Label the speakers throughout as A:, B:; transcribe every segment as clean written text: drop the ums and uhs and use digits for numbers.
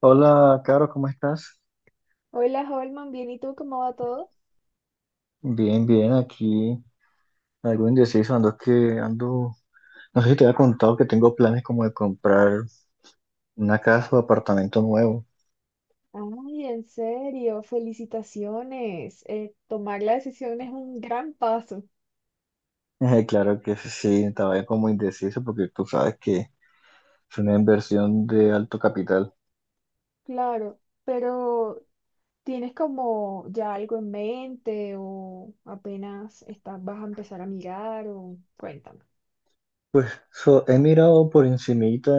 A: Hola, Caro, ¿cómo estás?
B: Hola, Holman, bien, ¿y tú cómo va todo?
A: Bien, bien, aquí algo indeciso, ando que ando, no sé si te había contado que tengo planes como de comprar una casa o apartamento nuevo.
B: Ay, en serio, felicitaciones. Tomar la decisión es un gran paso,
A: Claro que sí, estaba como indeciso porque tú sabes que es una inversión de alto capital.
B: claro, pero ¿tienes como ya algo en mente o apenas vas a empezar a mirar o cuéntame?
A: So, he mirado por encimita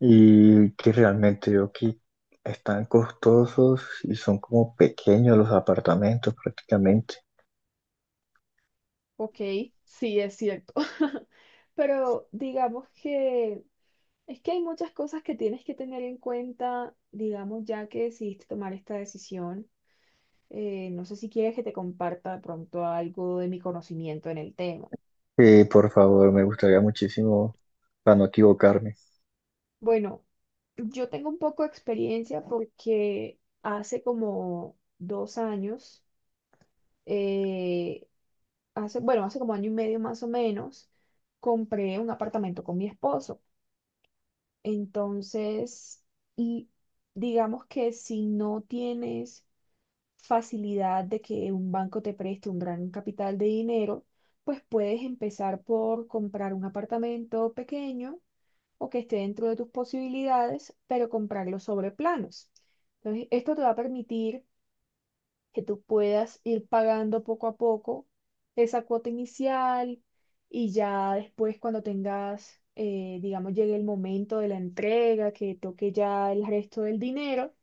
A: y que realmente yo que están costosos y son como pequeños los apartamentos prácticamente.
B: Ok, sí, es cierto. Pero digamos que es que hay muchas cosas que tienes que tener en cuenta, digamos, ya que decidiste tomar esta decisión. No sé si quieres que te comparta de pronto algo de mi conocimiento en el tema.
A: Por favor, me gustaría muchísimo para no equivocarme.
B: Bueno, yo tengo un poco de experiencia porque hace como 2 años, eh, hace, bueno, hace como año y medio más o menos, compré un apartamento con mi esposo. Entonces, y digamos que si no tienes facilidad de que un banco te preste un gran capital de dinero, pues puedes empezar por comprar un apartamento pequeño o que esté dentro de tus posibilidades, pero comprarlo sobre planos. Entonces, esto te va a permitir que tú puedas ir pagando poco a poco esa cuota inicial y ya después cuando tengas, digamos, llegue el momento de la entrega, que toque ya el resto del dinero,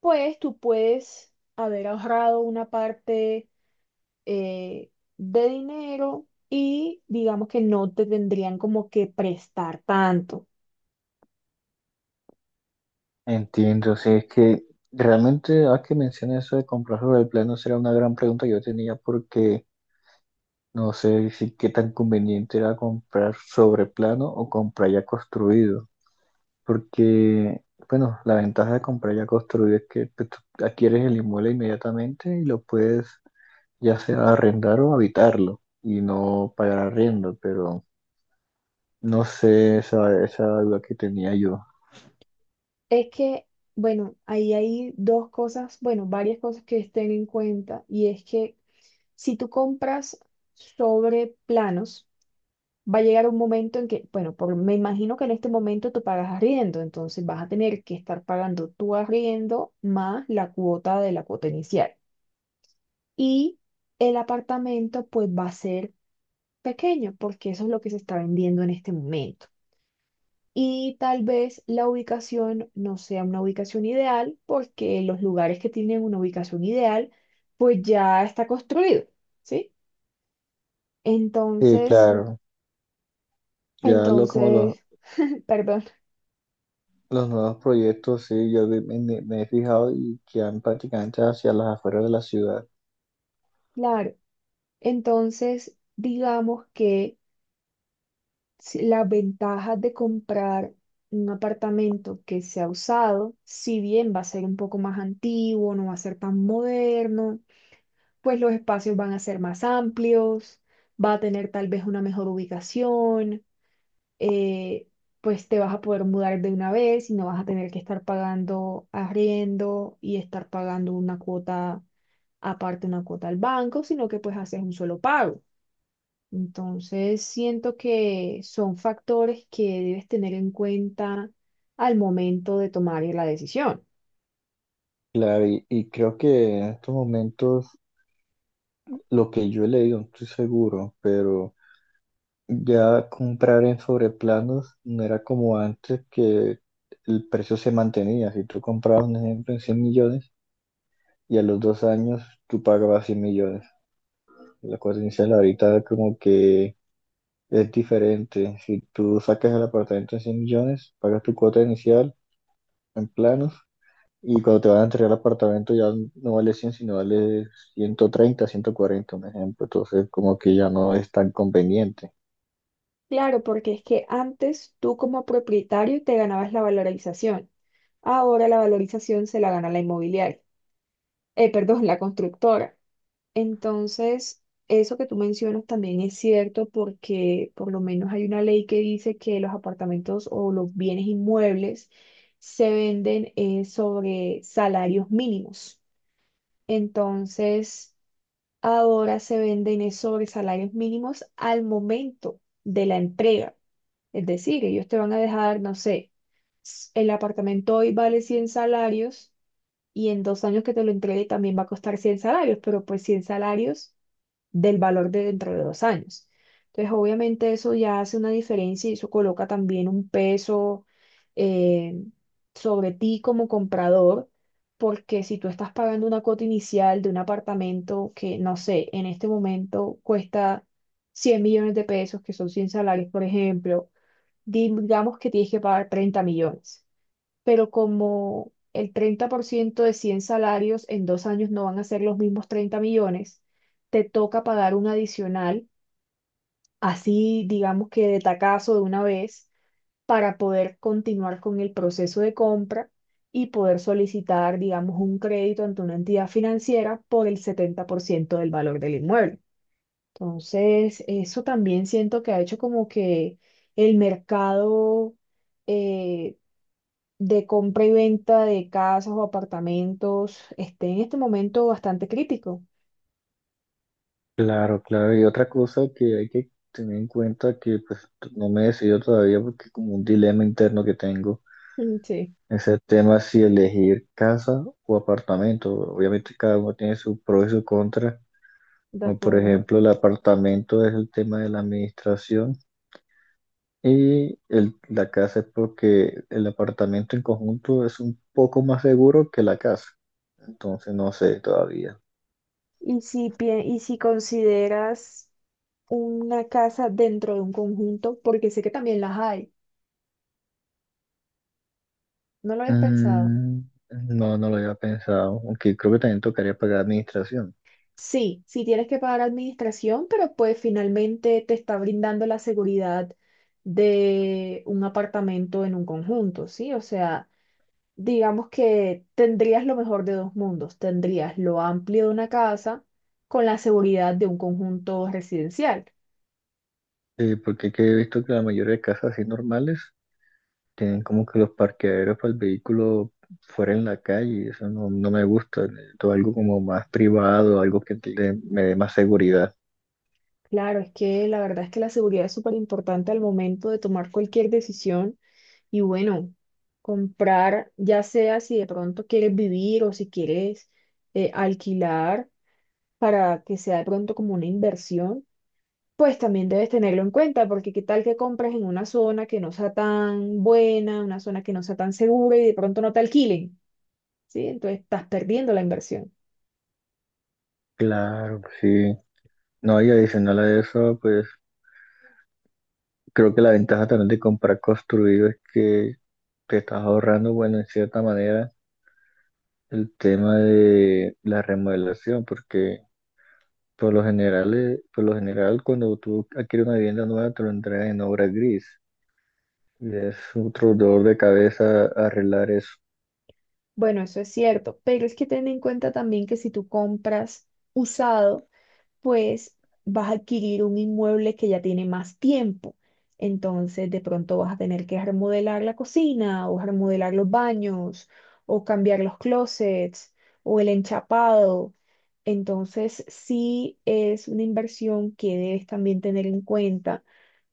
B: pues tú puedes haber ahorrado una parte eh, de dinero, y digamos que no te tendrían como que prestar tanto.
A: Entiendo, sí, es que realmente, a que mencioné eso de comprar sobre el plano, será una gran pregunta que yo tenía porque no sé si qué tan conveniente era comprar sobre plano o comprar ya construido. Porque, bueno, la ventaja de comprar ya construido es que pues, tú adquieres el inmueble inmediatamente y lo puedes ya sea arrendar o habitarlo y no pagar arriendo, pero no sé esa duda que tenía yo.
B: Es que, bueno, ahí hay dos cosas, bueno, varias cosas que estén en cuenta, y es que si tú compras sobre planos, va a llegar un momento en que, bueno, me imagino que en este momento tú pagas arriendo, entonces vas a tener que estar pagando tu arriendo más la cuota de la cuota inicial. Y el apartamento pues va a ser pequeño porque eso es lo que se está vendiendo en este momento. Y tal vez la ubicación no sea una ubicación ideal porque los lugares que tienen una ubicación ideal pues ya está construido, ¿sí?
A: Sí,
B: Entonces,
A: claro, ya lo como los
B: entonces, perdón,
A: Los nuevos proyectos, sí, me he fijado y que han prácticamente hacia las afueras de la ciudad.
B: claro, entonces digamos que, la ventaja de comprar un apartamento que sea usado, si bien va a ser un poco más antiguo, no va a ser tan moderno, pues los espacios van a ser más amplios, va a tener tal vez una mejor ubicación, eh, pues te vas a poder mudar de una vez y no vas a tener que estar pagando arriendo y estar pagando una cuota aparte, una cuota al banco, sino que pues haces un solo pago. Entonces, siento que son factores que debes tener en cuenta al momento de tomar la decisión.
A: Claro, y creo que en estos momentos, lo que yo he leído, no estoy seguro, pero ya comprar en sobreplanos no era como antes que el precio se mantenía. Si tú comprabas, un ejemplo, en 100 millones y a los 2 años tú pagabas 100 millones. La coherencia inicial ahorita como que es diferente. Si tú sacas el apartamento en 100 millones, pagas tu cuota inicial en planos. Y cuando te van a entregar el apartamento ya no vale 100 sino vale 130 140 un ejemplo. Entonces, como que ya no es tan conveniente.
B: Claro, porque es que antes tú, como propietario, te ganabas la valorización. Ahora la valorización se la gana la inmobiliaria, perdón, la constructora. Entonces, eso que tú mencionas también es cierto porque por lo menos hay una ley que dice que los apartamentos o los bienes inmuebles se venden, sobre salarios mínimos. Entonces, ahora se venden es sobre salarios mínimos al momento de la entrega. Es decir, ellos te van a dejar, no sé, el apartamento hoy vale 100 salarios y en 2 años que te lo entregue también va a costar 100 salarios, pero pues 100 salarios del valor de dentro de 2 años. Entonces, obviamente eso ya hace una diferencia y eso coloca también un peso eh, sobre ti como comprador, porque si tú estás pagando una cuota inicial de un apartamento que, no sé, en este momento cuesta 100 millones de pesos, que son 100 salarios, por ejemplo, digamos que tienes que pagar 30 millones, pero como el 30% de 100 salarios en 2 años no van a ser los mismos 30 millones, te toca pagar un adicional, así digamos que de tacazo, de una vez, para poder continuar con el proceso de compra y poder solicitar, digamos, un crédito ante una entidad financiera por el 70% del valor del inmueble. Entonces, eso también siento que ha hecho como que el mercado, eh, de compra y venta de casas o apartamentos, esté en este momento bastante crítico.
A: Claro, claro. Y otra cosa que hay que tener en cuenta que pues no me he decidido todavía porque como un dilema interno que tengo
B: Mm. Sí,
A: es el tema si elegir casa o apartamento. Obviamente cada uno tiene su pro y su contra.
B: de
A: Como por
B: acuerdo.
A: ejemplo, el apartamento es el tema de la administración, y la casa es porque el apartamento en conjunto es un poco más seguro que la casa. Entonces no sé todavía.
B: Y si consideras una casa dentro de un conjunto, porque sé que también las hay, ¿no lo habías pensado?
A: Mm, no, no lo había pensado, aunque creo que también tocaría pagar administración.
B: Sí, sí tienes que pagar administración, pero pues finalmente te está brindando la seguridad de un apartamento en un conjunto, ¿sí? O sea, digamos que tendrías lo mejor de dos mundos. Tendrías lo amplio de una casa con la seguridad de un conjunto residencial.
A: Porque que he visto que la mayoría de casas así normales tienen como que los parqueaderos para el vehículo fuera en la calle. Y eso no, no me gusta. Todo algo como más privado, algo me dé más seguridad.
B: Claro, es que la verdad es que la seguridad es súper importante al momento de tomar cualquier decisión, y bueno, comprar, ya sea si de pronto quieres vivir, o si quieres alquilar para que sea de pronto como una inversión, pues también debes tenerlo en cuenta, porque qué tal que compras en una zona que no sea tan buena, una zona que no sea tan segura, y de pronto no te alquilen, ¿sí? Entonces estás perdiendo la inversión.
A: Claro, sí. No, y adicional a eso, pues creo que la ventaja también de comprar construido es que te estás ahorrando, bueno, en cierta manera, el tema de la remodelación, porque por lo general, cuando tú adquieres una vivienda nueva, te lo entregan en obra gris. Y es otro dolor de cabeza arreglar eso.
B: Bueno, eso es cierto, pero es que ten en cuenta también que si tú compras usado, pues vas a adquirir un inmueble que ya tiene más tiempo. Entonces, de pronto vas a tener que remodelar la cocina o remodelar los baños, o cambiar los closets o el enchapado. Entonces, sí es una inversión que debes también tener en cuenta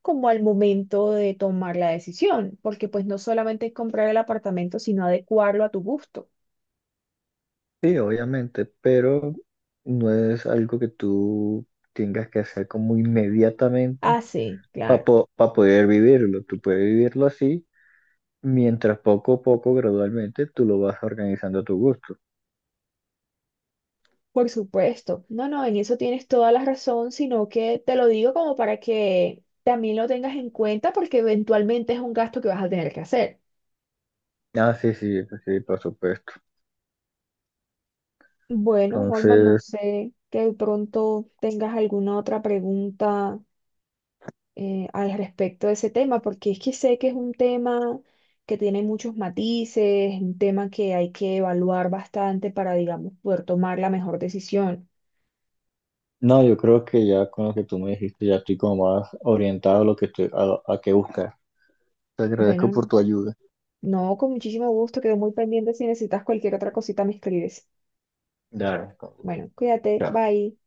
B: como al momento de tomar la decisión, porque pues no solamente es comprar el apartamento, sino adecuarlo a tu gusto.
A: Sí, obviamente, pero no es algo que tú tengas que hacer como inmediatamente
B: Hace, claro.
A: para poder vivirlo. Tú puedes vivirlo así mientras poco a poco, gradualmente, tú lo vas organizando a tu gusto.
B: Por supuesto. No, no, en eso tienes toda la razón, sino que te lo digo como para que también lo tengas en cuenta porque eventualmente es un gasto que vas a tener que hacer.
A: Ah, sí, sí, pues sí, por supuesto.
B: Bueno, Holman, no
A: Entonces,
B: sé que de pronto tengas alguna otra pregunta, al respecto de ese tema, porque es que sé que es un tema que tiene muchos matices, un tema que hay que evaluar bastante para, digamos, poder tomar la mejor decisión.
A: no, yo creo que ya con lo que tú me dijiste, ya estoy como más orientado a lo que estoy, a qué buscar. Te agradezco
B: Bueno,
A: por
B: no,
A: tu ayuda.
B: no, con muchísimo gusto, quedo muy pendiente. Si necesitas cualquier otra cosita, me escribes.
A: Claro.
B: Bueno, cuídate, bye.